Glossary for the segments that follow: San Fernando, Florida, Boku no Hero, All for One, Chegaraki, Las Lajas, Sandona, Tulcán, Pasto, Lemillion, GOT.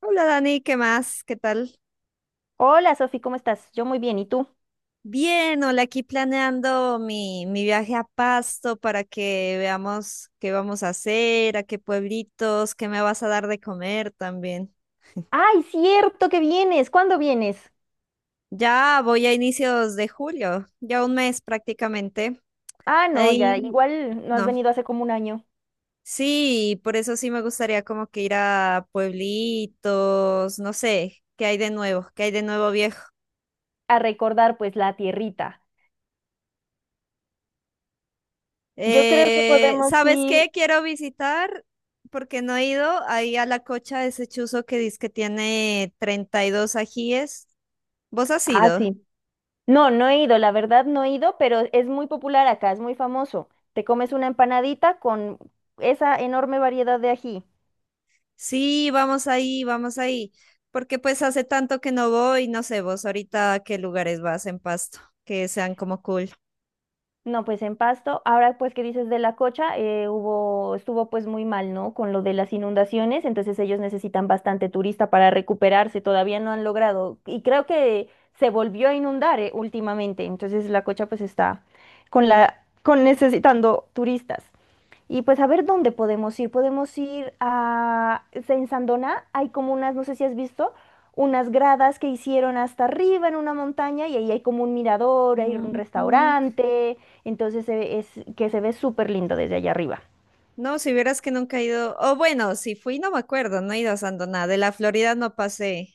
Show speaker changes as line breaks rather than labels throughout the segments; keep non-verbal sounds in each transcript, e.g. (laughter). Hola Dani, ¿qué más? ¿Qué tal?
Hola, Sofi, ¿cómo estás? Yo muy bien, ¿y tú?
Bien, hola, aquí planeando mi viaje a Pasto para que veamos qué vamos a hacer, a qué pueblitos, qué me vas a dar de comer también.
¡Ay, cierto que vienes! ¿Cuándo vienes?
Ya voy a inicios de julio, ya un mes prácticamente.
Ah, no, ya,
Ahí,
igual no has
no.
venido hace como un año
Sí, por eso sí me gustaría como que ir a pueblitos, no sé, qué hay de nuevo, qué hay de nuevo viejo.
a recordar pues la tierrita. Yo creo que podemos
¿Sabes
ir.
qué? Quiero visitar porque no he ido, ahí a la cocha de ese chuzo que dice que tiene 32 ajíes. ¿Vos has
Ah,
ido?
sí. No, no he ido, la verdad no he ido, pero es muy popular acá, es muy famoso. Te comes una empanadita con esa enorme variedad de ají.
Sí, vamos ahí, vamos ahí. Porque pues hace tanto que no voy, no sé, vos ahorita a qué lugares vas en Pasto, que sean como cool.
No, pues en Pasto. Ahora, pues, ¿que dices de la Cocha? Estuvo pues muy mal, ¿no? Con lo de las inundaciones, entonces ellos necesitan bastante turista para recuperarse, todavía no han logrado. Y creo que se volvió a inundar, últimamente, entonces la Cocha pues está con necesitando turistas. Y pues a ver dónde podemos ir. Podemos ir a, pues, en Sandona hay como unas, no sé si has visto, unas gradas que hicieron hasta arriba en una montaña y ahí hay como un mirador, hay
Mm,
un
mm.
restaurante, entonces es que se ve súper lindo desde allá arriba.
No, si vieras que nunca he ido, o bueno, si fui no me acuerdo, no he ido a Sandona, de la Florida no pasé.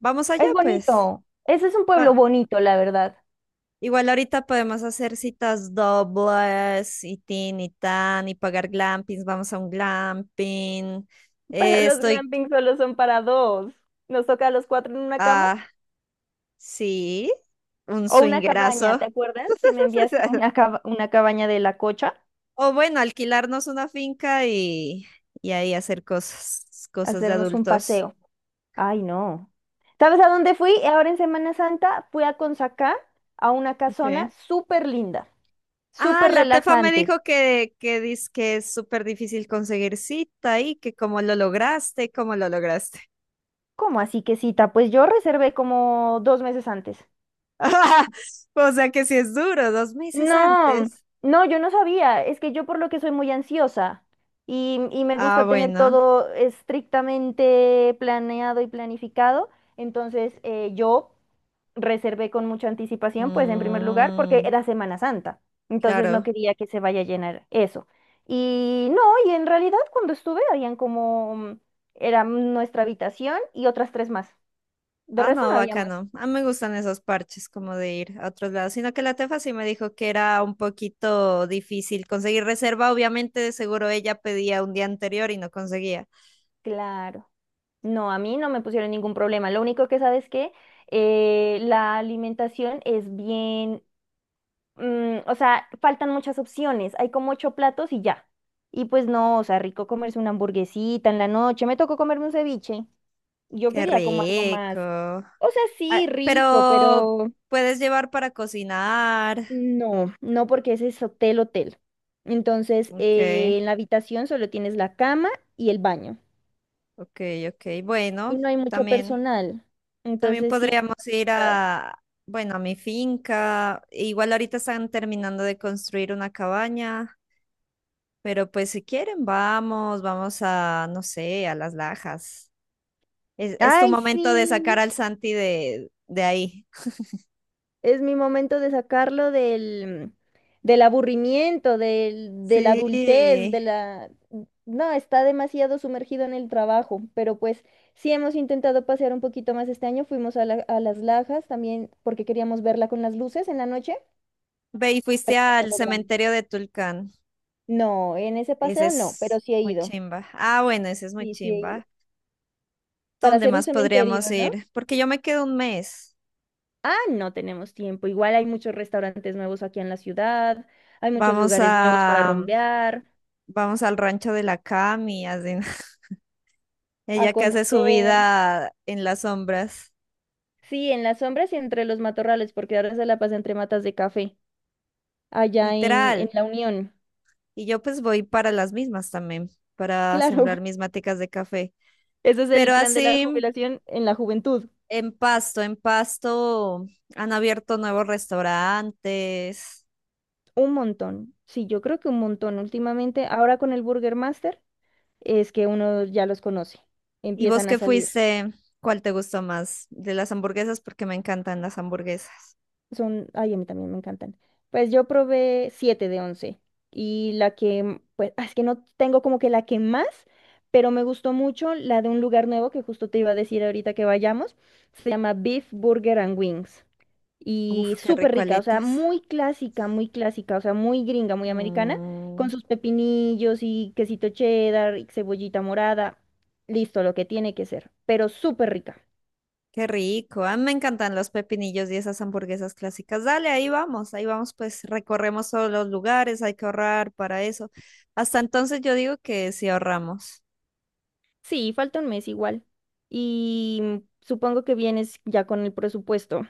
Vamos allá
Es
pues.
bonito. Ese es un pueblo
Va-
bonito, la verdad.
Igual ahorita podemos hacer citas dobles y tin y tan y pagar glampings. Vamos a un glamping.
Pero
Eh,
los
estoy,
glampings solo son para dos. Nos toca a los cuatro en una cama.
ah, sí, un
O una cabaña,
swingerazo.
¿te acuerdas que me enviaste
(laughs)
una cabaña de la Cocha?
O bueno, alquilarnos una finca y ahí hacer cosas, cosas de
Hacernos un
adultos.
paseo. Ay, no. ¿Sabes a dónde fui? Ahora en Semana Santa fui a Consacá, a una casona
Ok.
súper linda,
Ah,
súper
la Tefa me
relajante.
dijo que dice que es súper difícil conseguir cita y que cómo lo lograste, cómo lo lograste.
¿Cómo así que cita? Pues yo reservé como 2 meses antes.
(laughs) O sea que si es duro, dos meses
No,
antes.
no, yo no sabía. Es que yo por lo que soy muy ansiosa y me
Ah,
gusta tener
bueno.
todo estrictamente planeado y planificado. Entonces, yo reservé con mucha anticipación, pues en primer lugar, porque
Mm,
era Semana Santa, entonces no
claro.
quería que se vaya a llenar eso. Y no, y en realidad cuando estuve habían como era nuestra habitación y otras tres más. De
Ah,
resto
no,
no había más.
bacano. A mí me gustan esos parches como de ir a otros lados. Sino que la tefa sí me dijo que era un poquito difícil conseguir reserva. Obviamente, de seguro ella pedía un día anterior y no conseguía.
Claro. No, a mí no me pusieron ningún problema. Lo único que sabes que la alimentación es bien, o sea, faltan muchas opciones. Hay como ocho platos y ya. Y pues no, o sea, rico comerse una hamburguesita en la noche. Me tocó comerme un ceviche. Yo
Qué
quería como algo
rico.
más, o sea, sí,
Ah,
rico,
pero
pero
puedes llevar para cocinar.
no, no porque ese es hotel, hotel. Entonces,
Ok,
en la habitación solo tienes la cama y el baño.
ok, ok.
Y
Bueno,
no hay mucho
también.
personal.
También
Entonces, sí. He
podríamos ir
encontrado-
a, bueno, a mi finca. Igual ahorita están terminando de construir una cabaña, pero pues si quieren, vamos, vamos a, no sé, a Las Lajas. Es tu
Ay,
momento de sacar
sí.
al Santi de ahí.
Es mi momento de sacarlo del aburrimiento, del, de la adultez, de
Sí.
la. No, está demasiado sumergido en el trabajo, pero pues sí hemos intentado pasear un poquito más este año. Fuimos a Las Lajas también porque queríamos verla con las luces en la noche.
Ve y
No
fuiste
lo
al
logramos.
cementerio de Tulcán.
No, en ese
Ese
paseo no, pero
es
sí he
muy
ido.
chimba. Ah, bueno, ese es muy
Sí, sí he ido.
chimba.
Para
¿Dónde
hacer un
más podríamos
cementerio, ¿no?
ir? Porque yo me quedo un mes.
Ah, no tenemos tiempo. Igual hay muchos restaurantes nuevos aquí en la ciudad, hay muchos
Vamos
lugares nuevos para
a,
rumbear,
vamos al rancho de la Cami, así.
a
Ella que hace su
conocer.
vida en las sombras,
Sí, en las sombras y entre los matorrales, porque ahora se la pasa entre matas de café, allá en
literal.
la Unión.
Y yo pues voy para las mismas también, para
Claro, (laughs)
sembrar mis maticas de café.
ese es
Pero
el plan de la
así,
jubilación en la juventud.
en Pasto han abierto nuevos restaurantes.
Un montón. Sí, yo creo que un montón. Últimamente, ahora con el Burger Master, es que uno ya los conoce,
¿Y vos
empiezan a
qué
salir.
fuiste? ¿Cuál te gustó más? De las hamburguesas, porque me encantan las hamburguesas.
Son, ay, a mí también me encantan. Pues yo probé 7 de 11 y la que, pues, es que no tengo como que la que más, pero me gustó mucho la de un lugar nuevo que justo te iba a decir ahorita que vayamos. Se llama Beef Burger and Wings
Uf,
y
qué
súper
rico
rica, o sea,
aletas.
muy clásica, o sea, muy gringa, muy americana,
Mm,
con sus pepinillos y quesito cheddar y cebollita morada. Listo, lo que tiene que ser, pero súper rica.
qué rico. A mí me encantan los pepinillos y esas hamburguesas clásicas. Dale, ahí vamos, pues recorremos todos los lugares, hay que ahorrar para eso. Hasta entonces yo digo que sí ahorramos.
Sí, falta 1 mes igual. Supongo que vienes ya con el presupuesto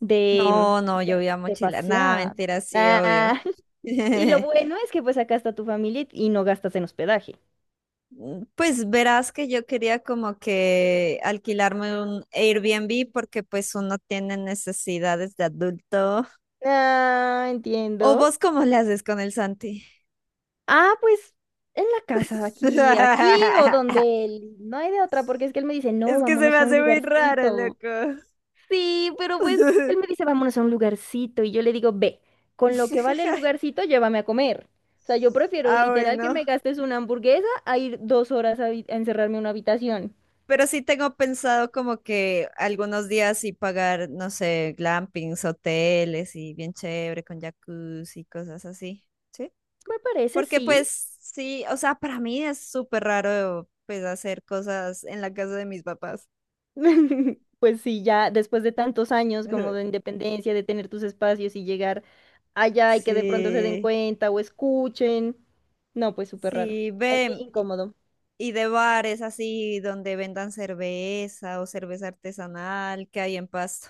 de,
No, no, yo
de,
voy a
de
mochilar. Nada,
pasear.
mentira, sí, obvio.
Ah, (laughs) y lo
(laughs)
bueno es que pues acá está tu familia y no gastas en hospedaje.
Mm, pues verás que yo quería como que alquilarme un Airbnb porque pues uno tiene necesidades de adulto.
Ah,
¿O
entiendo.
vos cómo le haces con el Santi?
Ah, pues en la casa, aquí o
(laughs)
donde él. No hay de otra, porque es que él me dice, no,
Es que se me
vámonos a un
hace muy raro,
lugarcito.
loco.
Sí, pero pues él me
(laughs)
dice, vámonos a un lugarcito. Y yo le digo, ve, con lo que vale el lugarcito, llévame a comer. O sea, yo prefiero
Ah,
literal que
bueno.
me gastes una hamburguesa a ir 2 horas a encerrarme en una habitación.
Pero sí tengo pensado como que algunos días sí pagar, no sé, glampings, hoteles y bien chévere con jacuzzi y cosas así. ¿Sí?
Me parece,
Porque
sí.
pues sí, o sea, para mí es súper raro pues hacer cosas en la casa de mis papás.
(laughs) Pues sí, ya después de tantos años como de
(laughs)
independencia, de tener tus espacios y llegar allá y que de pronto se den
Sí,
cuenta o escuchen. No, pues súper raro.
sí,
Ahí sí,
ve,
incómodo.
y de bares así donde vendan cerveza o cerveza artesanal que hay en Pasto.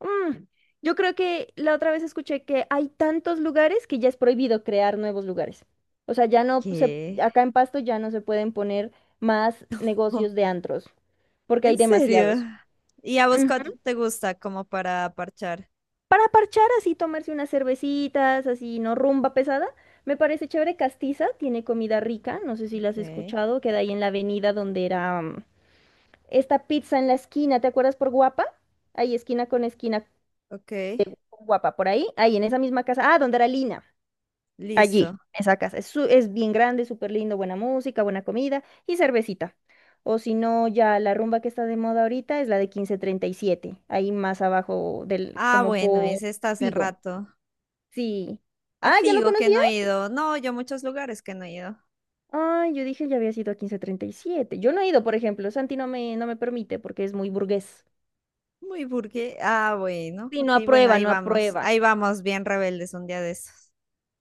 Mm, yo creo que la otra vez escuché que hay tantos lugares que ya es prohibido crear nuevos lugares. O sea, ya no se,
¿Qué?
acá en Pasto ya no se pueden poner más negocios
(laughs)
de antros, porque hay
¿En serio?
demasiados.
¿Y a vos
Ujú.
cuál te gusta como para parchar?
Para parchar así, tomarse unas cervecitas, así, no rumba pesada, me parece chévere. Castiza tiene comida rica, no sé si la has
Ok,
escuchado, queda ahí en la avenida donde era esta pizza en la esquina, ¿te acuerdas por Guapa? Ahí esquina
ok,
con Guapa, por ahí, ahí en esa misma casa, donde era Lina. Allí,
listo.
esa casa. Es bien grande, súper lindo, buena música, buena comida y cervecita. O si no, ya la rumba que está de moda ahorita es la de 1537 ahí más abajo
Ah,
como
bueno,
por
ese está hace
Pigo.
rato.
Sí.
A
Ah, ¿ya lo
Figo que
conocía?
no he ido. No, yo a muchos lugares que no he ido.
Ay, yo dije ya había sido a 1537. Yo no he ido, por ejemplo. Santi no me permite porque es muy burgués.
Muy burgués. Ah, bueno,
Sí, no
ok, bueno,
aprueba,
ahí
no
vamos.
aprueba.
Ahí vamos, bien rebeldes un día de estos.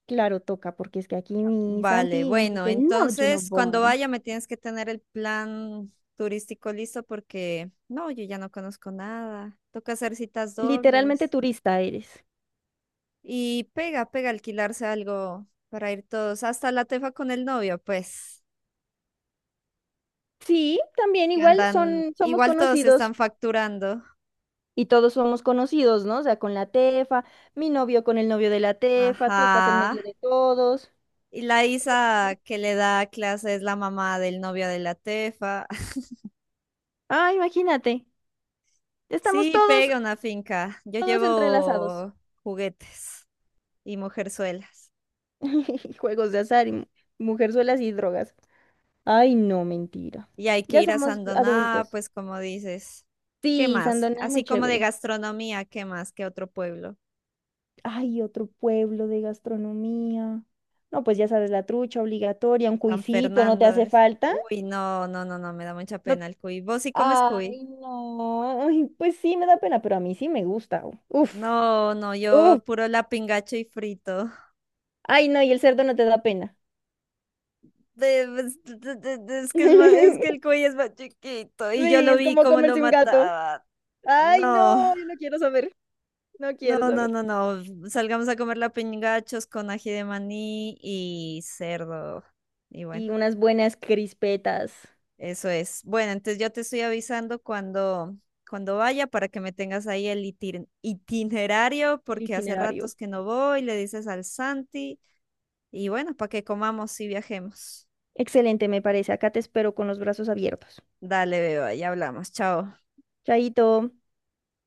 Claro, toca, porque es que aquí mi
Vale,
Santi
bueno,
dice, no, yo no
entonces cuando
voy.
vaya me tienes que tener el plan turístico listo porque no, yo ya no conozco nada. Toca hacer citas
Literalmente
dobles.
turista eres.
Y pega, pega alquilarse algo para ir todos, hasta la tefa con el novio, pues,
Sí, también
que
igual
andan,
somos
igual todos
conocidos
están facturando.
y todos somos conocidos, ¿no? O sea, con la Tefa, mi novio con el novio de la Tefa, tú estás en medio
Ajá.
de todos.
Y la Isa que le da clase es la mamá del novio de la tefa. (laughs)
Ah, imagínate, estamos
Sí,
todos,
pega una finca. Yo
todos entrelazados.
llevo juguetes y mujerzuelas.
(laughs) Juegos de azar y mujerzuelas y drogas. Ay, no, mentira.
Y hay que
Ya
ir a
somos
Sandoná,
adultos.
pues como dices. ¿Qué
Sí,
más?
Sandona es
Así
muy
como de
chévere.
gastronomía, ¿qué más? ¿Qué otro pueblo?
Ay, otro pueblo de gastronomía. No, pues ya sabes, la trucha obligatoria, un
San
cuisito, ¿no te
Fernando.
hace falta?
Uy, no, no, no, no, me da mucha
¿No?
pena el cuy. ¿Vos sí comes cuy?
Ay, no. Ay, pues sí, me da pena, pero a mí sí me gusta. Uf,
No, no,
uf.
yo puro lapingacho y frito. (laughs)
Ay, no, y el cerdo no te da pena.
Es que es más, es que el
(laughs)
cuy es más chiquito y yo
Sí,
lo
es
vi
como
cómo lo
comerse un gato.
mataban.
Ay,
No,
no, yo no quiero saber, no
no,
quiero
no,
saber.
no, no. Salgamos a comer lapingachos con ají de maní y cerdo. Y bueno.
Y unas buenas crispetas.
Eso es. Bueno, entonces yo te estoy avisando cuando vaya para que me tengas ahí el itinerario,
El
porque hace
itinerario.
ratos que no voy, le dices al Santi, y bueno, para que comamos y viajemos.
Excelente, me parece. Acá te espero con los brazos abiertos.
Dale, beba, ya hablamos. Chao.
Chaito.